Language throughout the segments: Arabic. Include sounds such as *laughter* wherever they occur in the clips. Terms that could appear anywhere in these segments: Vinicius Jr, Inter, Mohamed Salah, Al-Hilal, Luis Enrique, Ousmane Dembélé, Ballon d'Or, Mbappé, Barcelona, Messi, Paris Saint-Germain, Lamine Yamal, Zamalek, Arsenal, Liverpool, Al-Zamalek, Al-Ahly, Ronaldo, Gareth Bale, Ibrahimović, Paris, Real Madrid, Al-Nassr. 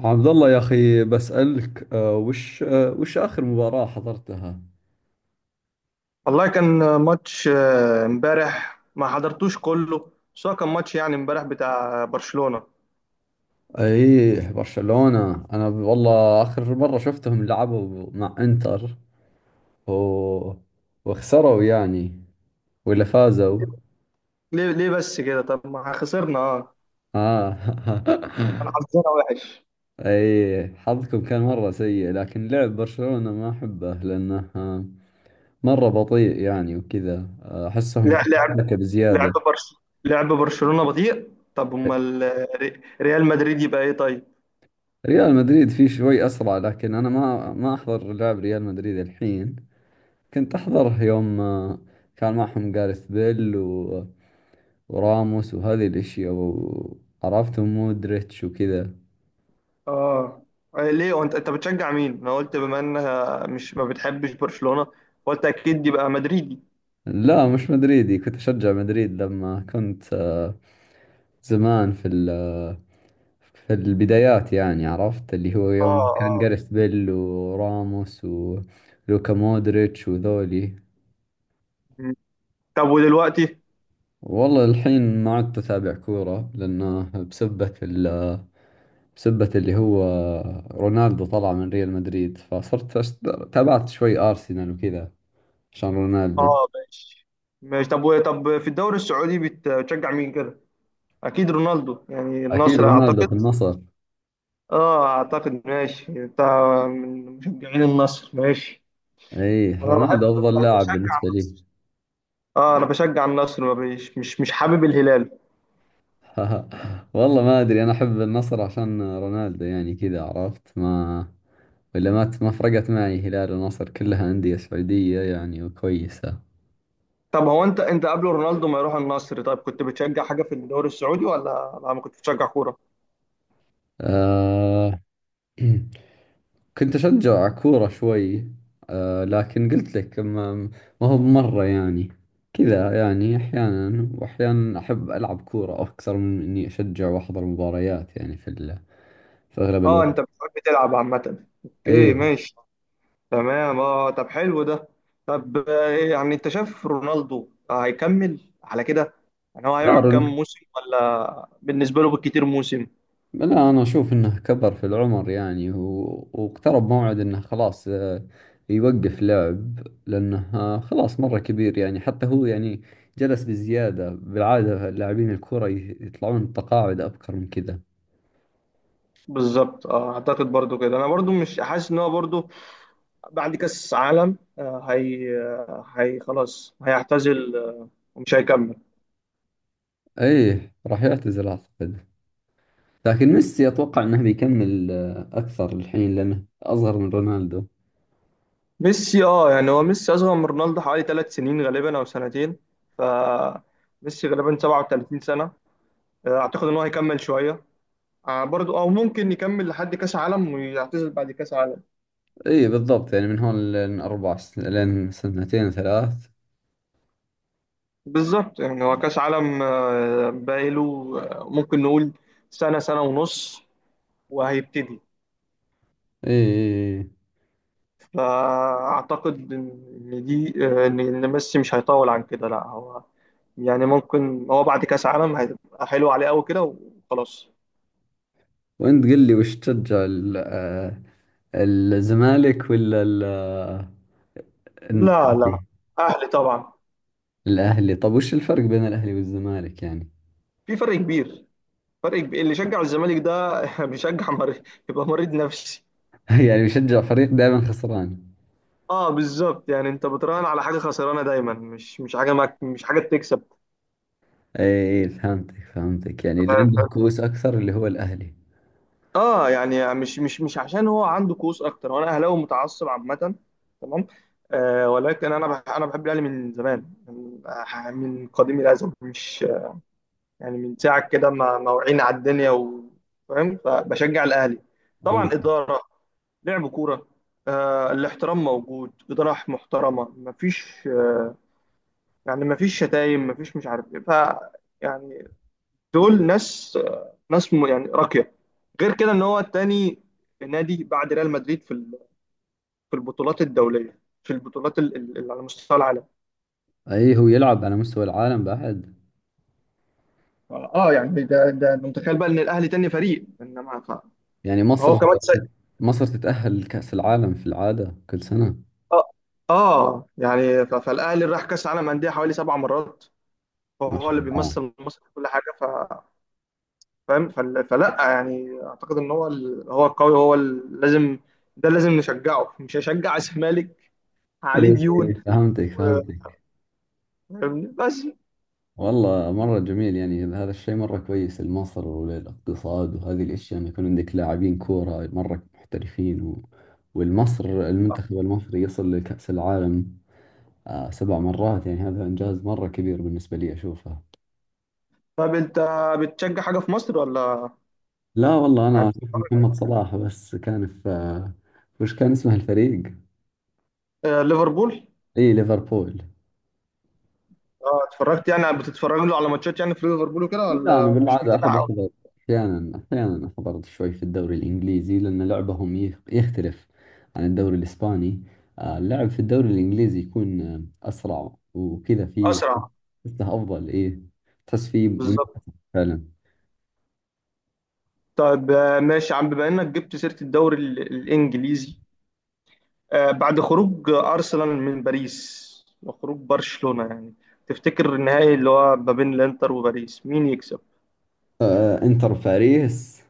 عبد الله يا أخي بسألك وش آخر مباراة حضرتها؟ والله كان ماتش امبارح ما حضرتوش كله، بس هو كان ماتش، يعني امبارح، بتاع برشلونة. أيه برشلونة. أنا والله آخر مرة شفتهم لعبوا مع إنتر و... وخسروا يعني، ولا فازوا؟ ليه بس كده؟ طب ما خسرنا اه آه. كان *laughs* حظنا وحش. أيه حظكم كان مرة سيء، لكن لعب برشلونة ما أحبه لأنه مرة بطيء يعني وكذا. أحسهم لا، تكتيكة لعب بزيادة. برش لعب برشلونة بطيء. طب امال، ريال مدريد يبقى ايه طيب؟ ريال مدريد فيه شوي أسرع، لكن أنا ما أحضر لعب ريال مدريد الحين. كنت أحضره يوم كان معهم جاريث بيل وراموس وهذه الأشياء. وعرفتهم مودريتش وكذا. اه ليه؟ وانت بتشجع مين؟ انا قلت بما انها مش ما بتحبش برشلونة، قلت اكيد يبقى مدريدي. لا، مش مدريدي. كنت أشجع مدريد لما كنت زمان، في ال... آه، في البدايات يعني. عرفت اللي هو اه يوم اه، كان جاريث بيل وراموس ولوكا مودريتش وذولي. طب ودلوقتي؟ والله الحين ما عدت أتابع كورة، لأنه بسبة ال بسبة اللي هو رونالدو طلع من ريال مدريد. فصرت تابعت شوي أرسنال وكذا عشان رونالدو. اه، ماشي ماشي. طب طب، في الدوري السعودي بتشجع مين كده؟ اكيد رونالدو، يعني أكيد النصر رونالدو اعتقد. في النصر. اه اعتقد، ماشي انت من مشجعين النصر، ماشي. إي، انا رونالدو بحب أفضل بحب لاعب بشجع بالنسبة لي. النصر. اه انا بشجع النصر، ما بيش مش حابب الهلال. *laughs* والله ما أدري، أنا أحب النصر عشان رونالدو يعني كذا عرفت. ما ولا ما فرقت معي هلال ونصر، كلها أندية سعودية يعني وكويسة. طب هو، انت قبل رونالدو ما يروح النصر، طيب كنت بتشجع حاجه في الدوري السعودي، ولا ما كنت بتشجع كوره؟ أه. *clears throat* كنت أشجع كورة شوي، لكن قلت لك ما هو مرة يعني كذا. يعني أحيانا وأحيانا أحب ألعب كورة أكثر من إني أشجع وأحضر مباريات يعني في أغلب اه، الوقت. انت بتحب تلعب عامه، اوكي أي. ماشي. تمام، اه طب حلو ده. طب إيه يعني انت شايف رونالدو هيكمل على كده؟ يعني هو هيقعد كام دار. موسم، ولا بالنسبه له بالكتير موسم؟ لا، أنا أشوف إنه كبر في العمر يعني واقترب موعد إنه خلاص يوقف لعب. لأنه خلاص مرة كبير يعني. حتى هو يعني جلس بزيادة، بالعادة لاعبين الكورة يطلعون تقاعد أبكر من كذا. بالظبط اه، اعتقد برضو كده، انا برضو مش حاسس ان هو برضو بعد كاس عالم، هي خلاص هيعتزل ومش هيكمل. ايه، راح يعتزل اعتقد. لكن ميسي اتوقع انه بيكمل اكثر الحين، لانه اصغر من رونالدو. ميسي يعني هو ميسي اصغر من رونالدو حوالي 3 سنين غالبا، او سنتين. ف ميسي غالبا 37 سنه. اعتقد ان هو هيكمل شويه، برضو. او ممكن يكمل لحد كاس عالم ويعتزل بعد كاس عالم. ايه بالضبط، يعني من هون لين سنتين ثلاث. بالظبط، يعني هو كاس عالم باقيله ممكن نقول سنة سنة ونص وهيبتدي. ايه، إيه، إيه. فاعتقد ان دي، آه، ان إن ميسي مش هيطول عن كده. لا هو، يعني ممكن هو بعد كاس عالم هيبقى حلو عليه قوي كده وخلاص. وانت قل لي وش تشجع الزمالك ولا لا لا، الاهلي؟ اهلي طبعا. الأهلي. طب وش الفرق بين الاهلي والزمالك يعني؟ في فرق كبير. فرق كبير، اللي شجع الزمالك ده *laughs* بيشجع مريض. يبقى مريض نفسي. *laughs* يعني بشجع فريق دائما خسران؟ اه بالظبط، يعني انت بتراهن على حاجه خسرانه دايما، مش حاجه مش حاجه بتكسب. ايه، إيه، فهمتك، فهمتك، يعني اللي عنده كؤوس اكثر اللي هو الاهلي. اه يعني مش عشان هو عنده كؤوس اكتر، وانا اهلاوي متعصب عامه. تمام. آه ولكن انا انا بحب الاهلي من زمان، من قديم الازل. مش يعني، من ساعه كده ما وعينا على الدنيا. فاهم، فبشجع الاهلي طبعا، اداره، لعب كوره، آه الاحترام موجود، اداره محترمه، مفيش يعني مفيش شتايم، مفيش مش عارف ايه. يعني، دول ناس، يعني راقيه. غير كده ان هو التاني نادي بعد ريال مدريد في في البطولات الدوليه، في البطولات اللي على مستوى العالم. اي، هو يلعب على مستوى العالم بعد. اه يعني ده أنت متخيل بقى ان الاهلي تاني فريق. انما يعني فهو مصر، كمان مصر تتأهل لكأس العالم في العادة كل سنة. اه اه، يعني فالاهلي راح كاس عالم انديه حوالي 7 مرات، ما فهو شاء اللي الله. بيمثل مصر في كل حاجه. فاهم، فلا، يعني اعتقد ان هو هو القوي، هو لازم. ده لازم نشجعه، مش هشجع *laughs* الزمالك، عليه اي، ديون. إي، فهمتك، فهمتك. فاهمني بس. والله مرة جميل يعني. هذا الشيء مرة كويس لمصر وللاقتصاد وهذه الأشياء، أن يكون عندك لاعبين كورة مرة محترفين المنتخب المصري يصل لكأس العالم 7 مرات. يعني هذا إنجاز مرة كبير بالنسبة لي أشوفه. طب انت بتشجع حاجه في مصر ولا؟ لا والله، يعني أنا أشوف بتتفرج؟ محمد صلاح بس. كان في وش كان اسمه الفريق؟ آه ليفربول. اي، ليفربول. اه اتفرجت، يعني بتتفرج له على ماتشات يعني في ليفربول وكده، لا، انا ولا مش بالعاده متابع احب أوي؟ احضر، احيانا، احيانا احضر شوي في الدوري الانجليزي، لان لعبهم يختلف عن الدوري الاسباني. اللعب في الدوري الانجليزي يكون اسرع وكذا. فيه اسرع. تحسه افضل، ايه، تحس فيه بالظبط. منافسه. فعلا. طيب ماشي يا عم، بما انك جبت سيره الدوري الانجليزي، آه بعد خروج ارسنال من باريس، وخروج برشلونه، يعني تفتكر النهائي اللي هو ما بين الانتر وباريس مين يكسب؟ انتر باريس.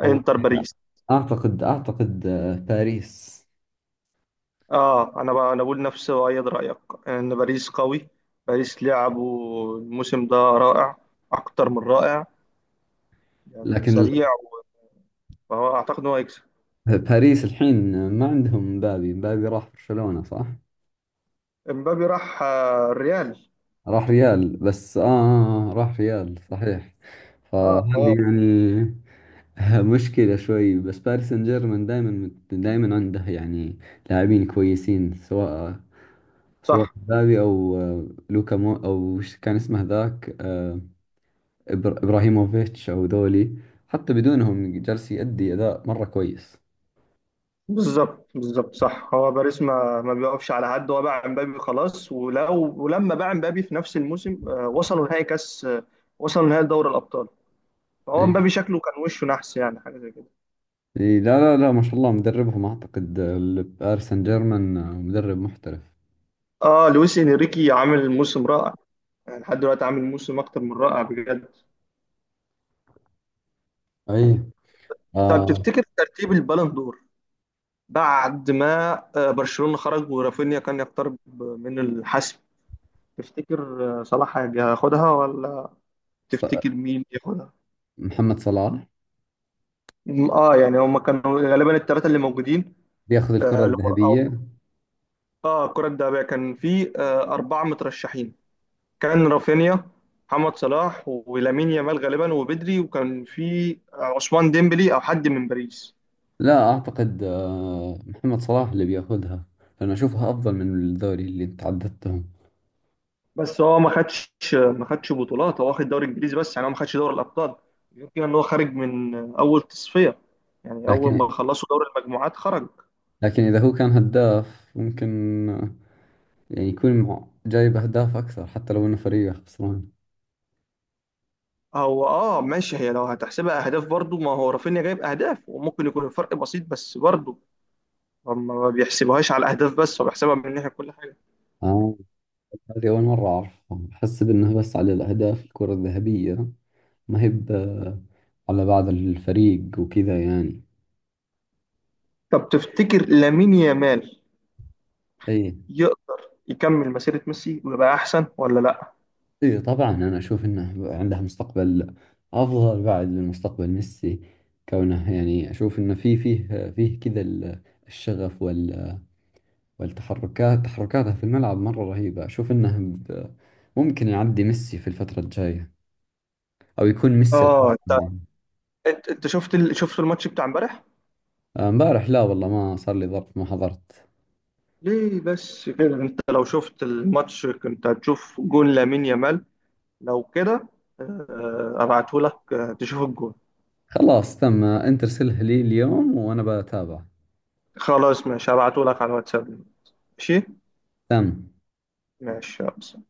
والله انتر باريس. اعتقد باريس. اه، انا بقول نفس ايد رايك، ان باريس قوي. باريس لعبه الموسم ده رائع، اكتر من رائع، يعني لكن سريع. فهو اعتقد ان هو هيكسب. باريس الحين ما عندهم مبابي. مبابي راح برشلونة، صح؟ امبابي راح الريال. راح ريال بس. راح ريال صحيح. اه فهذه هو يعني *laughs* مشكلة شوي. بس باريس سان جيرمان دائما دائما عنده يعني لاعبين كويسين، سواء صح. مبابي أو لوكا مو، أو وش كان اسمه ذاك؟ إبراهيموفيتش أو ذولي. حتى بدونهم جالس يأدي أداء مرة كويس. بالظبط بالظبط صح، هو باريس ما بيقفش على حد. هو باع امبابي خلاص، ولما باع امبابي في نفس الموسم، وصلوا نهائي دوري الابطال. فهو إي، امبابي شكله كان وشه نحس، يعني حاجه زي كده. إي، لا، لا، لا، ما شاء الله. مدربهم أعتقد باريس سان جيرمان مدرب محترف. اه لويس انريكي عامل موسم رائع، يعني لحد دلوقتي عامل موسم اكتر من رائع بجد. أي. طب آه تفتكر ترتيب البالون دور، بعد ما برشلونة خرج ورافينيا كان يقترب من الحسم، تفتكر صلاح هياخدها، ولا تفتكر مين ياخدها؟ محمد صلاح اه يعني هما كانوا غالبا الثلاثة اللي موجودين. بياخذ الكرة آه لكرة- او الذهبية. اه الكرة الذهبية كان في أربعة مترشحين، كان رافينيا، محمد صلاح، ولامين يامال غالبا وبدري، وكان في عثمان ديمبلي او حد من باريس. لا أعتقد محمد صلاح اللي بياخذها، لأنه أشوفها أفضل من الدوري اللي أنت عددتهم. بس هو ما خدش بطولات، هو واخد دوري انجليزي بس، يعني هو ما خدش دوري الابطال. غير كده ان هو خارج من اول تصفيه، يعني اول ما لكن خلصوا دوري المجموعات خرج. لكن إذا هو كان هداف، ممكن آه، يعني يكون جايب أهداف أكثر، حتى لو إنه فريقه خسران. هو اه ماشي. هي لو هتحسبها اهداف برضو، ما هو رافينيا جايب اهداف، وممكن يكون الفرق بسيط، بس برضو هم ما بيحسبوهاش على الاهداف بس، هو بيحسبها من ناحيه كل حاجه. آه، هذه أول مرة أعرفها، أحسب إنها بس على الأهداف الكرة الذهبية. ما هي على بعض الفريق وكذا يعني. طب تفتكر لامين يامال أي. يقدر يكمل مسيره ميسي ويبقى احسن، ولا لا؟ اي طبعا، انا اشوف انه عنده مستقبل افضل بعد من مستقبل ميسي. كونه يعني اشوف انه في فيه فيه كذا الشغف تحركاته في الملعب مرة رهيبة. اشوف انه ممكن يعدي ميسي في الفترة الجاية، او يكون ميسي اه القادم انت، يعني. انت شفت شفت الماتش بتاع امبارح؟ امبارح لا والله، ما صار لي ظرف، ما حضرت. ليه بس كده؟ انت لو شفت الماتش كنت هتشوف جون لامين يامال. لو كده ابعته لك تشوف الجون. خلاص تم، انت ارسله لي اليوم وانا بتابع. خلاص ماشي، هبعته لك على الواتساب. ماشي. تم. ماشي يلا.